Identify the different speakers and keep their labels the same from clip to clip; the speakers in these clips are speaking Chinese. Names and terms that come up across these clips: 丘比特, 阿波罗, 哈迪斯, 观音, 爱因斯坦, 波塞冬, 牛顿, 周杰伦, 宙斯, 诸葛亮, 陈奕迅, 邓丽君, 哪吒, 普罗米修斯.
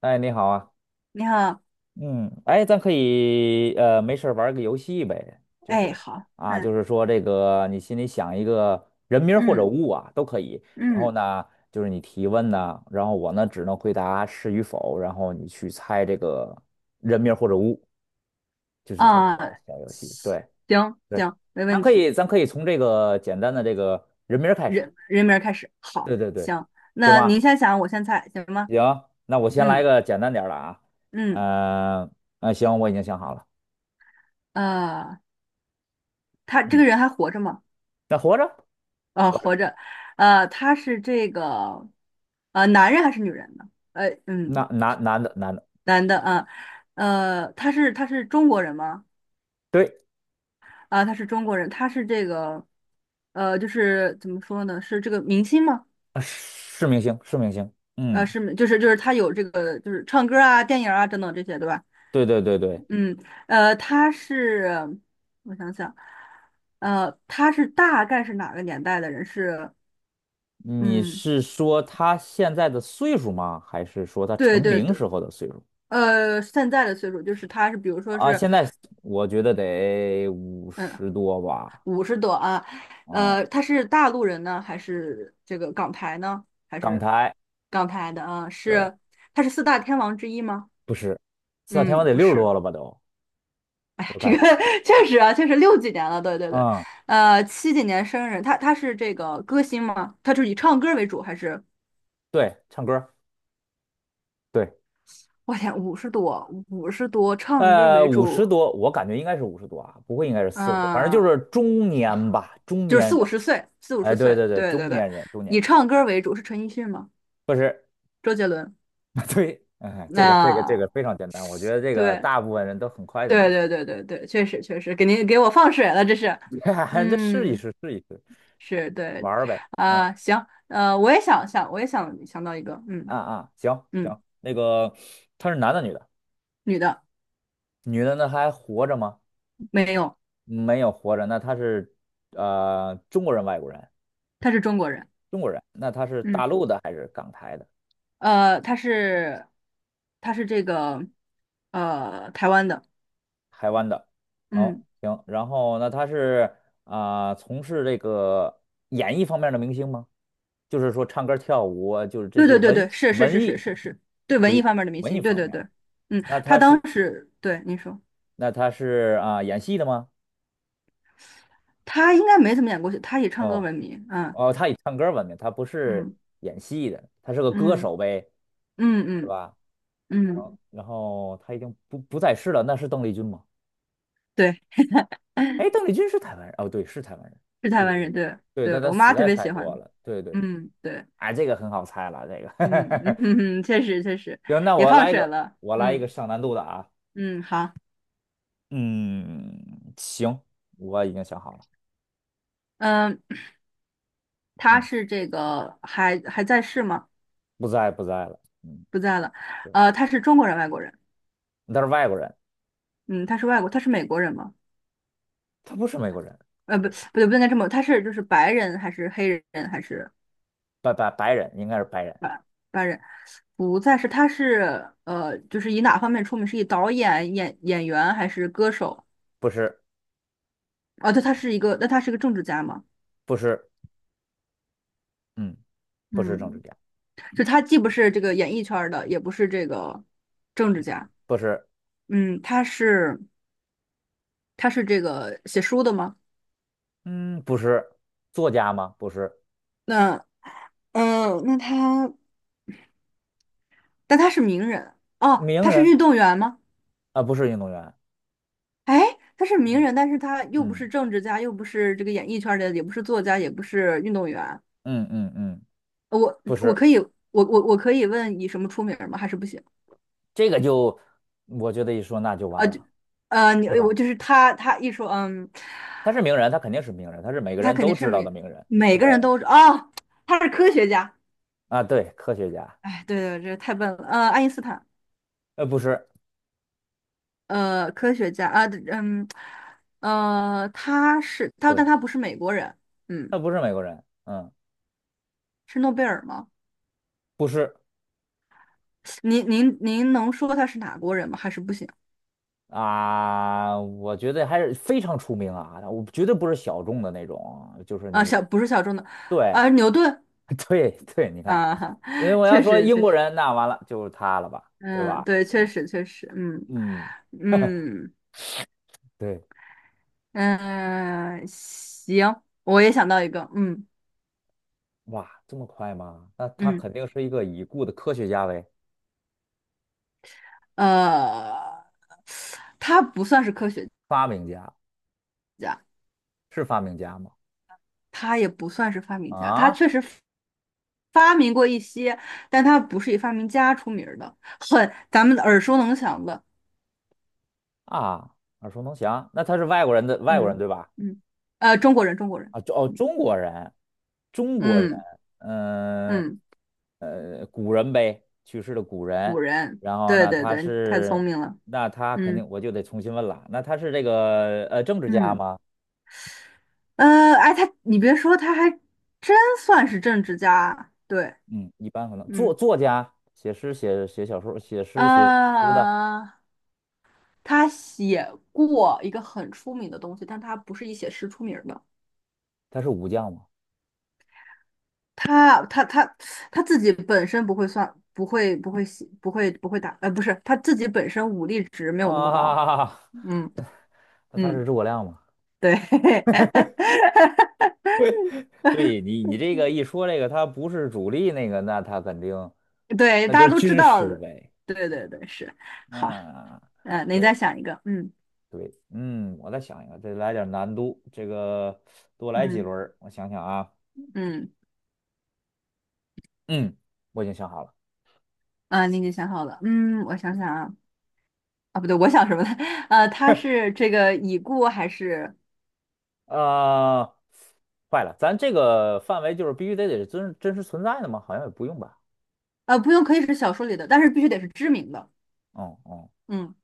Speaker 1: 哎，你好啊。
Speaker 2: 你好。
Speaker 1: 嗯，哎，咱可以没事儿玩儿个游戏呗，就
Speaker 2: 哎，
Speaker 1: 是
Speaker 2: 好，
Speaker 1: 啊，就
Speaker 2: 嗯
Speaker 1: 是说这个你心里想一个人名儿或者
Speaker 2: 嗯
Speaker 1: 物啊都可以，然后
Speaker 2: 嗯
Speaker 1: 呢，就是你提问呢，然后我呢只能回答是与否，然后你去猜这个人名儿或者物，就是这么个
Speaker 2: 啊，
Speaker 1: 小游戏。对
Speaker 2: 行
Speaker 1: 对，
Speaker 2: 行，没
Speaker 1: 咱
Speaker 2: 问
Speaker 1: 可
Speaker 2: 题。
Speaker 1: 以咱可以从这个简单的这个人名儿开始。
Speaker 2: 人名儿开始，好，
Speaker 1: 对对对，
Speaker 2: 行。
Speaker 1: 行
Speaker 2: 那
Speaker 1: 吗？
Speaker 2: 您先想，我先猜，行吗？
Speaker 1: 行，那我先来
Speaker 2: 嗯
Speaker 1: 个简单点儿的啊。
Speaker 2: 嗯，
Speaker 1: 嗯、行，我已经想好了。
Speaker 2: 呃，他这
Speaker 1: 嗯，
Speaker 2: 个人还活着吗？
Speaker 1: 那活着，活着。
Speaker 2: 活着。他是这个，男人还是女人呢？呃，
Speaker 1: 那
Speaker 2: 嗯，
Speaker 1: 男的，
Speaker 2: 男的啊。他是中国人吗？
Speaker 1: 对。
Speaker 2: 啊，他是中国人。他是这个，就是怎么说呢？是这个明星吗？
Speaker 1: 是明星，是明星。嗯，
Speaker 2: 是，就是他有这个，就是唱歌啊、电影啊等等这些，对吧？
Speaker 1: 对对对对。
Speaker 2: 嗯，他是，我想想，他是大概是哪个年代的人？是，
Speaker 1: 你
Speaker 2: 嗯，
Speaker 1: 是说他现在的岁数吗？还是说他
Speaker 2: 对
Speaker 1: 成
Speaker 2: 对
Speaker 1: 名
Speaker 2: 对。
Speaker 1: 时候的岁数？
Speaker 2: 现在的岁数就是他是，比如说
Speaker 1: 啊，
Speaker 2: 是，
Speaker 1: 现在我觉得得五
Speaker 2: 嗯，
Speaker 1: 十多吧。
Speaker 2: 五十多啊。
Speaker 1: 嗯，
Speaker 2: 他是大陆人呢，还是这个港台呢？还
Speaker 1: 港
Speaker 2: 是
Speaker 1: 台，
Speaker 2: 港台的啊？
Speaker 1: 对，
Speaker 2: 是，他是四大天王之一吗？
Speaker 1: 不是。四大天
Speaker 2: 嗯，
Speaker 1: 王得
Speaker 2: 不
Speaker 1: 六十
Speaker 2: 是。
Speaker 1: 多了吧都，我
Speaker 2: 这
Speaker 1: 感
Speaker 2: 个
Speaker 1: 觉。
Speaker 2: 确实啊，确实六几年了，对对对。
Speaker 1: 嗯，
Speaker 2: 七几年生日，他是这个歌星吗？他是以唱歌为主还是？
Speaker 1: 对，唱歌，对。
Speaker 2: 我天，五十多，五十多，唱歌为
Speaker 1: 五十
Speaker 2: 主。
Speaker 1: 多，我感觉应该是五十多啊，不会应该是40多，反正就
Speaker 2: 嗯、
Speaker 1: 是中年吧，中
Speaker 2: 就是
Speaker 1: 年
Speaker 2: 四五
Speaker 1: 人。
Speaker 2: 十岁，四五
Speaker 1: 哎，
Speaker 2: 十
Speaker 1: 对
Speaker 2: 岁，
Speaker 1: 对对，
Speaker 2: 对
Speaker 1: 中
Speaker 2: 对对。
Speaker 1: 年人，中年人。
Speaker 2: 以唱歌为主是陈奕迅吗？
Speaker 1: 不是。
Speaker 2: 周杰伦？
Speaker 1: 对，嗯，这个这个这
Speaker 2: 那
Speaker 1: 个非常简单，我觉得这个
Speaker 2: 对
Speaker 1: 大部分人都很快就
Speaker 2: 对
Speaker 1: 能
Speaker 2: 对对对对，确实确实，给您给我放水了，这是，
Speaker 1: 猜。这试一
Speaker 2: 嗯，
Speaker 1: 试，试一试，
Speaker 2: 是对。
Speaker 1: 玩儿呗。嗯，
Speaker 2: 行。我也想想，我也想想到一个，嗯
Speaker 1: 啊啊，行
Speaker 2: 嗯，
Speaker 1: 行，那个他是男的女的？
Speaker 2: 女的。
Speaker 1: 女的呢还活着吗？
Speaker 2: 没有。
Speaker 1: 没有活着。那他是中国人、外国人？
Speaker 2: 他是中国人。
Speaker 1: 中国人。那他是大
Speaker 2: 嗯，
Speaker 1: 陆的还是港台的？
Speaker 2: 呃，他是他是这个呃台湾的。
Speaker 1: 台湾的。哦，
Speaker 2: 嗯，
Speaker 1: 行。然后那他是从事这个演艺方面的明星吗？就是说唱歌跳舞啊，就是这
Speaker 2: 对
Speaker 1: 些
Speaker 2: 对对
Speaker 1: 文
Speaker 2: 对，是是
Speaker 1: 文
Speaker 2: 是是
Speaker 1: 艺，
Speaker 2: 是是，对
Speaker 1: 属
Speaker 2: 文艺
Speaker 1: 于
Speaker 2: 方面的明
Speaker 1: 文
Speaker 2: 星，
Speaker 1: 艺
Speaker 2: 对
Speaker 1: 方
Speaker 2: 对
Speaker 1: 面。
Speaker 2: 对。嗯，
Speaker 1: 那
Speaker 2: 他
Speaker 1: 他是
Speaker 2: 当时对你说，
Speaker 1: 那他是演戏的吗？
Speaker 2: 他应该没怎么演过戏，他以唱歌
Speaker 1: 哦
Speaker 2: 闻名。嗯
Speaker 1: 哦，他以唱歌闻名，他不是
Speaker 2: 嗯
Speaker 1: 演戏的，他是个歌
Speaker 2: 嗯
Speaker 1: 手呗，
Speaker 2: 嗯
Speaker 1: 是
Speaker 2: 嗯
Speaker 1: 吧？
Speaker 2: 嗯，
Speaker 1: 然后他已经不在世了，那是邓丽君吗？
Speaker 2: 对，
Speaker 1: 哎，邓丽君是台湾人，哦，对，是台湾人，
Speaker 2: 是台
Speaker 1: 对对
Speaker 2: 湾
Speaker 1: 对。
Speaker 2: 人。对
Speaker 1: 对，
Speaker 2: 对，
Speaker 1: 但他
Speaker 2: 我妈
Speaker 1: 死
Speaker 2: 特
Speaker 1: 在
Speaker 2: 别
Speaker 1: 泰
Speaker 2: 喜欢。
Speaker 1: 国了。对对，
Speaker 2: 嗯，对。
Speaker 1: 哎，这个很好猜了，这
Speaker 2: 嗯嗯
Speaker 1: 个。
Speaker 2: 嗯，确实确实
Speaker 1: 行，那
Speaker 2: 也放水了。
Speaker 1: 我来一个
Speaker 2: 嗯
Speaker 1: 上难度的啊。
Speaker 2: 嗯，好。
Speaker 1: 嗯，行，我已经想好了。
Speaker 2: 嗯，他
Speaker 1: 嗯，
Speaker 2: 是这个还在世吗？
Speaker 1: 不在了。嗯，
Speaker 2: 不在了。
Speaker 1: 对，
Speaker 2: 他是中国人，外国人？
Speaker 1: 他是外国人，
Speaker 2: 嗯，他是外国，他是美国人吗？
Speaker 1: 他不是美国人。
Speaker 2: 不，不
Speaker 1: 对，
Speaker 2: 对，不应该这么，他是就是白人还是黑人还是
Speaker 1: 白人应该是白人。
Speaker 2: 白白人？不再是，他是就是以哪方面出名？是以导演、演员还是歌手？
Speaker 1: 不是
Speaker 2: 哦，对，他是一个，那他是个政治家吗？
Speaker 1: 不是。嗯，不是政治
Speaker 2: 嗯，
Speaker 1: 家。
Speaker 2: 就他既不是这个演艺圈儿的，也不是这个政治
Speaker 1: 嗯，
Speaker 2: 家。
Speaker 1: 不是。
Speaker 2: 嗯，他是这个写书的吗？
Speaker 1: 嗯，不是作家吗？不是。
Speaker 2: 那嗯，那他但他是名人。哦，
Speaker 1: 名
Speaker 2: 他是运
Speaker 1: 人
Speaker 2: 动员吗？
Speaker 1: 啊，不是运动员。
Speaker 2: 哎，他是名
Speaker 1: 嗯
Speaker 2: 人，但是他又不
Speaker 1: 嗯
Speaker 2: 是政治家，又不是这个演艺圈儿的，也不是作家，也不是运动员。
Speaker 1: 嗯嗯嗯，
Speaker 2: 呃我
Speaker 1: 不
Speaker 2: 我
Speaker 1: 是。
Speaker 2: 可以，我我我可以问以什么出名儿吗？还是不行？
Speaker 1: 这个就，我觉得一说那就完了，
Speaker 2: 你
Speaker 1: 对
Speaker 2: 我
Speaker 1: 吧？
Speaker 2: 就是他，他一说，嗯，
Speaker 1: 他是名人，他肯定是名人，他是每个
Speaker 2: 他
Speaker 1: 人
Speaker 2: 肯
Speaker 1: 都
Speaker 2: 定是
Speaker 1: 知道的
Speaker 2: 每
Speaker 1: 名人。
Speaker 2: 每个人
Speaker 1: 对。
Speaker 2: 都。哦，他是科学家。
Speaker 1: 啊，对，科学家。
Speaker 2: 哎，对对，这太笨了。爱因斯坦。
Speaker 1: 不是。
Speaker 2: 科学家啊。嗯，他是他，但
Speaker 1: 对，
Speaker 2: 他不是美国人。嗯，
Speaker 1: 他不是美国人。嗯，
Speaker 2: 是诺贝尔吗？
Speaker 1: 不是。
Speaker 2: 您能说他是哪国人吗？还是不行
Speaker 1: 啊，我觉得还是非常出名啊，我绝对不是小众的那种，就是
Speaker 2: 啊？
Speaker 1: 你，
Speaker 2: 小不是小众的。
Speaker 1: 对。
Speaker 2: 啊，牛顿
Speaker 1: 对，对，你看，
Speaker 2: 啊。哈，
Speaker 1: 因为我要
Speaker 2: 确
Speaker 1: 说
Speaker 2: 实
Speaker 1: 英
Speaker 2: 确
Speaker 1: 国
Speaker 2: 实。
Speaker 1: 人，那完了就是他了吧，对
Speaker 2: 嗯，
Speaker 1: 吧？
Speaker 2: 对，确实确实。嗯
Speaker 1: 嗯。
Speaker 2: 嗯
Speaker 1: 对。
Speaker 2: 嗯，行。我也想到一个。嗯
Speaker 1: 哇，这么快吗？那他
Speaker 2: 嗯
Speaker 1: 肯定是一个已故的科学家呗。
Speaker 2: 呃，他不算是科学
Speaker 1: 发明家，
Speaker 2: 家，
Speaker 1: 是发明家吗？
Speaker 2: 他也不算是发明家，他
Speaker 1: 啊？
Speaker 2: 确实发明过一些，但他不是以发明家出名儿的，很咱们耳熟能详的。
Speaker 1: 啊，耳熟能详。那他是外国人的外国人
Speaker 2: 嗯
Speaker 1: 对吧？
Speaker 2: 嗯，中国人，中国人，
Speaker 1: 啊，中国人，中国人。
Speaker 2: 嗯
Speaker 1: 嗯、
Speaker 2: 嗯。
Speaker 1: 古人呗，去世的古
Speaker 2: 古
Speaker 1: 人。
Speaker 2: 人，
Speaker 1: 然后
Speaker 2: 对
Speaker 1: 呢，
Speaker 2: 对对，太聪明了。
Speaker 1: 那他肯
Speaker 2: 嗯
Speaker 1: 定我就得重新问了。那他是这个政治家
Speaker 2: 嗯，
Speaker 1: 吗？
Speaker 2: 哎，他，你别说，他还真算是政治家，对。
Speaker 1: 嗯，一般可能作
Speaker 2: 嗯，
Speaker 1: 作家、写诗、写小说、写诗，
Speaker 2: 呃，他写过一个很出名的东西，但他不是以写诗出名儿的。
Speaker 1: 他是武将吗？
Speaker 2: 他他自己本身不会算，不会不会写，不会不会打，呃，不是，他自己本身武力值没有那么高。
Speaker 1: 啊。
Speaker 2: 嗯
Speaker 1: 那他是
Speaker 2: 嗯，
Speaker 1: 诸葛亮吗？
Speaker 2: 对。
Speaker 1: 对，你这个一说这个，他不是主力那个，那他肯定。
Speaker 2: 对，
Speaker 1: 那
Speaker 2: 大
Speaker 1: 就
Speaker 2: 家
Speaker 1: 是
Speaker 2: 都知
Speaker 1: 军
Speaker 2: 道
Speaker 1: 师
Speaker 2: 的。
Speaker 1: 呗。
Speaker 2: 对对对，是。好。
Speaker 1: 嗯，
Speaker 2: 嗯，你再
Speaker 1: 对
Speaker 2: 想一个。嗯
Speaker 1: 对。嗯，我再想一个，再来点难度，这个多来几
Speaker 2: 嗯
Speaker 1: 轮儿我想想啊。
Speaker 2: 嗯，
Speaker 1: 嗯，我已经想好了。
Speaker 2: 啊，你已经想好了。嗯，我想想啊。啊，不对，我想什么呢？它是这个已故还是
Speaker 1: 啊、坏了，咱这个范围就是必须得是真实存在的吗？好像也不用吧。
Speaker 2: 不用，可以是小说里的，但是必须得是知名的。
Speaker 1: 嗯嗯，
Speaker 2: 嗯，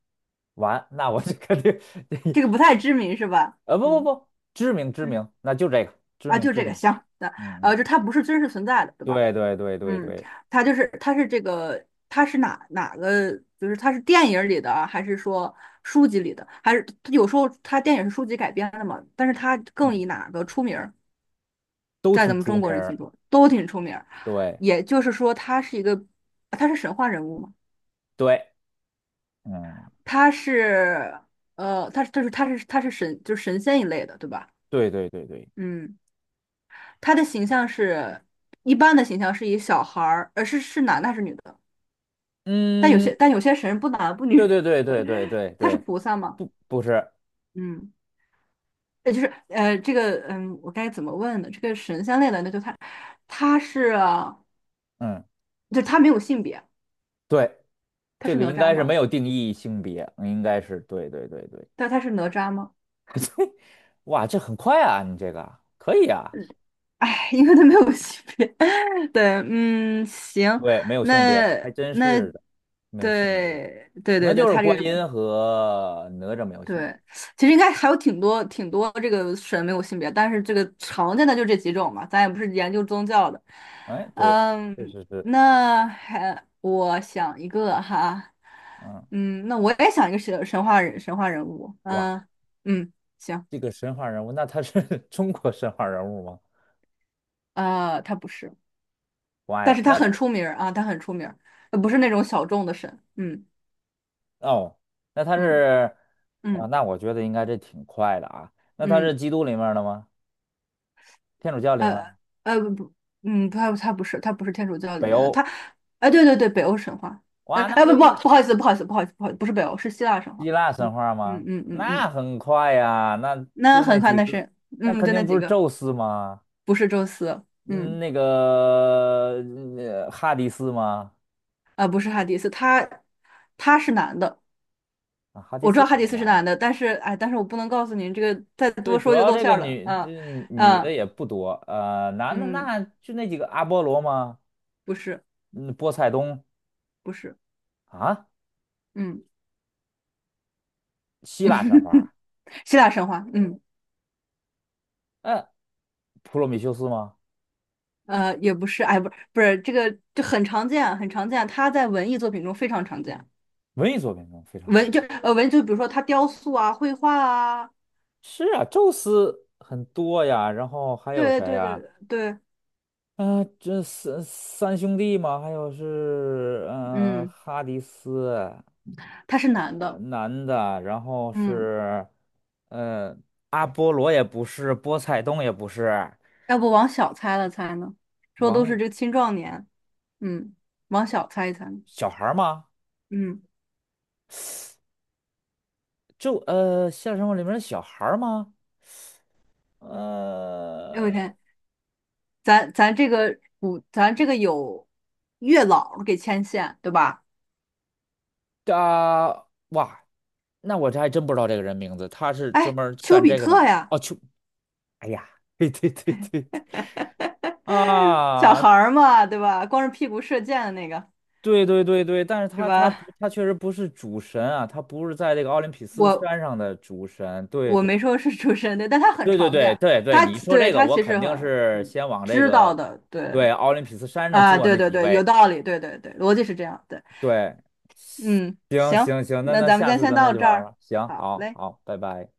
Speaker 1: 完，那我这肯定。
Speaker 2: 这个不太知名是吧？
Speaker 1: 不不
Speaker 2: 嗯
Speaker 1: 不，知名知
Speaker 2: 嗯，
Speaker 1: 名。那就这个知
Speaker 2: 啊，
Speaker 1: 名
Speaker 2: 就
Speaker 1: 知
Speaker 2: 这个
Speaker 1: 名。
Speaker 2: 行。
Speaker 1: 嗯嗯，
Speaker 2: 就它不是真实存在的，对吧？
Speaker 1: 对对对对
Speaker 2: 嗯，
Speaker 1: 对。
Speaker 2: 他就是他是这个他是哪哪个？就是他是电影里的啊，还是说书籍里的？还是他有时候他电影是书籍改编的嘛？但是他更
Speaker 1: 嗯，
Speaker 2: 以哪个出名儿，
Speaker 1: 都
Speaker 2: 在咱
Speaker 1: 挺
Speaker 2: 们
Speaker 1: 出
Speaker 2: 中
Speaker 1: 名
Speaker 2: 国人心
Speaker 1: 儿。
Speaker 2: 中都挺出名儿。
Speaker 1: 对
Speaker 2: 也就是说，他是一个他是神话人物嘛？
Speaker 1: 对。嗯，
Speaker 2: 他是他是神，就是神仙一类的，对吧？
Speaker 1: 对对对对。
Speaker 2: 嗯，他的形象是一般的形象是以小孩儿，是是男的还是女的？但有
Speaker 1: 嗯，
Speaker 2: 些但有些神不男不
Speaker 1: 对
Speaker 2: 女。
Speaker 1: 对对对对对
Speaker 2: 他是
Speaker 1: 对。
Speaker 2: 菩萨嘛？
Speaker 1: 不不是。
Speaker 2: 嗯，也就是这个嗯，我该怎么问呢？这个神仙类的那就他他是
Speaker 1: 嗯，
Speaker 2: 就他没有性别。
Speaker 1: 对，
Speaker 2: 他
Speaker 1: 这
Speaker 2: 是
Speaker 1: 个
Speaker 2: 哪
Speaker 1: 应
Speaker 2: 吒
Speaker 1: 该是没
Speaker 2: 吗？
Speaker 1: 有定义性别，应该是对对对对。
Speaker 2: 但他是哪吒吗？
Speaker 1: 哇，这很快啊，你这个可以啊。
Speaker 2: 哎，因为他没有性别。对，嗯，行。
Speaker 1: 对，没有性别，
Speaker 2: 那
Speaker 1: 还真
Speaker 2: 那
Speaker 1: 是的，没有性别。
Speaker 2: 对对
Speaker 1: 可
Speaker 2: 对
Speaker 1: 能
Speaker 2: 对，
Speaker 1: 就是
Speaker 2: 他这
Speaker 1: 观
Speaker 2: 个
Speaker 1: 音和哪吒没有性别。
Speaker 2: 对，其实应该还有挺多挺多这个神没有性别，但是这个常见的就这几种嘛，咱也不是研究宗教的。
Speaker 1: 哎，对，确
Speaker 2: 嗯，
Speaker 1: 实是。
Speaker 2: 那还我想一个哈。
Speaker 1: 嗯。
Speaker 2: 嗯，那我也想一个神神话人物，
Speaker 1: 哇，
Speaker 2: 嗯嗯，行。
Speaker 1: 这个神话人物。那他是 中国神话人物吗？
Speaker 2: 他不是，
Speaker 1: 不爱
Speaker 2: 但
Speaker 1: 了。
Speaker 2: 是他
Speaker 1: 那
Speaker 2: 很出名儿啊，他很出名儿。不是那种小众的神。嗯
Speaker 1: 哦，那他
Speaker 2: 嗯
Speaker 1: 是啊，
Speaker 2: 嗯
Speaker 1: 那我觉得应该这挺快的啊。那他
Speaker 2: 嗯
Speaker 1: 是基督里面儿的吗？天主教里面
Speaker 2: 呃
Speaker 1: 儿？
Speaker 2: 呃不不，嗯，不他不是天主教里
Speaker 1: 北
Speaker 2: 面的，
Speaker 1: 欧？
Speaker 2: 他，哎对对对，北欧神话。
Speaker 1: 哇，那就
Speaker 2: 不好意思，不好意思，不好意思，不好意思，不是北欧是希腊神
Speaker 1: 希
Speaker 2: 话。
Speaker 1: 腊神
Speaker 2: 嗯
Speaker 1: 话
Speaker 2: 嗯
Speaker 1: 吗？
Speaker 2: 嗯嗯
Speaker 1: 那
Speaker 2: 嗯，
Speaker 1: 很快呀，那
Speaker 2: 那
Speaker 1: 就那
Speaker 2: 很快
Speaker 1: 几
Speaker 2: 那
Speaker 1: 个。
Speaker 2: 是
Speaker 1: 那
Speaker 2: 嗯
Speaker 1: 肯
Speaker 2: 就那
Speaker 1: 定不
Speaker 2: 几
Speaker 1: 是
Speaker 2: 个。
Speaker 1: 宙斯吗？
Speaker 2: 不是宙斯。
Speaker 1: 嗯，那个哈迪斯吗？
Speaker 2: 不是哈迪斯，他是男的。
Speaker 1: 啊，哈迪
Speaker 2: 我知
Speaker 1: 斯
Speaker 2: 道
Speaker 1: 也
Speaker 2: 哈迪
Speaker 1: 是
Speaker 2: 斯是
Speaker 1: 男
Speaker 2: 男
Speaker 1: 的。
Speaker 2: 的，但是哎但是我不能告诉您这个，再
Speaker 1: 对，
Speaker 2: 多
Speaker 1: 主
Speaker 2: 说就
Speaker 1: 要
Speaker 2: 露
Speaker 1: 这
Speaker 2: 馅
Speaker 1: 个
Speaker 2: 儿了。
Speaker 1: 女这女的
Speaker 2: 啊
Speaker 1: 也不多。男的
Speaker 2: 嗯
Speaker 1: 那就那几个阿波罗吗？
Speaker 2: 不是，
Speaker 1: 嗯，波塞冬
Speaker 2: 不是。
Speaker 1: 啊，
Speaker 2: 嗯
Speaker 1: 希腊神话。
Speaker 2: 希腊神话。嗯。
Speaker 1: 嗯。普罗米修斯吗？
Speaker 2: 也不是，哎，不是，不是这个，就很常见，很常见，它在文艺作品中非常常见。
Speaker 1: 文艺作品中非常常
Speaker 2: 文
Speaker 1: 见。
Speaker 2: 就文就比如说它雕塑啊、绘画啊，
Speaker 1: 是啊，宙斯很多呀，然后还有
Speaker 2: 对
Speaker 1: 谁
Speaker 2: 对
Speaker 1: 呀？
Speaker 2: 对对。
Speaker 1: 这三兄弟嘛，还有是
Speaker 2: 嗯，
Speaker 1: 哈迪斯，
Speaker 2: 他是男的。
Speaker 1: 男的，然后
Speaker 2: 嗯，
Speaker 1: 是呃阿波罗也不是，波塞冬也不是。
Speaker 2: 要不往小猜了猜呢？说都是
Speaker 1: 王
Speaker 2: 这个青壮年。嗯，往小猜一猜。
Speaker 1: 小孩儿吗？
Speaker 2: 嗯，
Speaker 1: 就《现实生活》里面的小孩儿吗？
Speaker 2: 哎我
Speaker 1: 呃。
Speaker 2: 天，咱咱这个古，咱这个有月老给牵线，对吧？
Speaker 1: 啊，哇，那我这还真不知道这个人名字，他是专
Speaker 2: 哎，
Speaker 1: 门
Speaker 2: 丘
Speaker 1: 干
Speaker 2: 比
Speaker 1: 这个的吗？
Speaker 2: 特呀。
Speaker 1: 哦，去，哎呀，对对对对对。
Speaker 2: 小
Speaker 1: 啊，
Speaker 2: 孩儿嘛，对吧？光着屁股射箭的那个，
Speaker 1: 对对对对，但是
Speaker 2: 是
Speaker 1: 他他不
Speaker 2: 吧？
Speaker 1: 他确实不是主神啊，他不是在这个奥林匹斯
Speaker 2: 我
Speaker 1: 山上的主神。对
Speaker 2: 我
Speaker 1: 对
Speaker 2: 没说是主持人，对，但他很
Speaker 1: 对对
Speaker 2: 常
Speaker 1: 对
Speaker 2: 见，
Speaker 1: 对对，
Speaker 2: 他
Speaker 1: 你说
Speaker 2: 对
Speaker 1: 这个，
Speaker 2: 他
Speaker 1: 我
Speaker 2: 其
Speaker 1: 肯
Speaker 2: 实很
Speaker 1: 定是
Speaker 2: 嗯
Speaker 1: 先往这
Speaker 2: 知道
Speaker 1: 个
Speaker 2: 的，对
Speaker 1: 对奥林匹斯山上
Speaker 2: 啊，
Speaker 1: 坐
Speaker 2: 对
Speaker 1: 那
Speaker 2: 对
Speaker 1: 几
Speaker 2: 对，有
Speaker 1: 位。
Speaker 2: 道理，对对对，逻辑是这样，对。
Speaker 1: 对，
Speaker 2: 嗯，
Speaker 1: 行
Speaker 2: 行，
Speaker 1: 行行，那
Speaker 2: 那
Speaker 1: 那
Speaker 2: 咱们今
Speaker 1: 下
Speaker 2: 天
Speaker 1: 次
Speaker 2: 先
Speaker 1: 咱再
Speaker 2: 到
Speaker 1: 去
Speaker 2: 这
Speaker 1: 玩儿
Speaker 2: 儿。
Speaker 1: 吧，行，
Speaker 2: 好
Speaker 1: 好
Speaker 2: 嘞。
Speaker 1: 好，拜拜。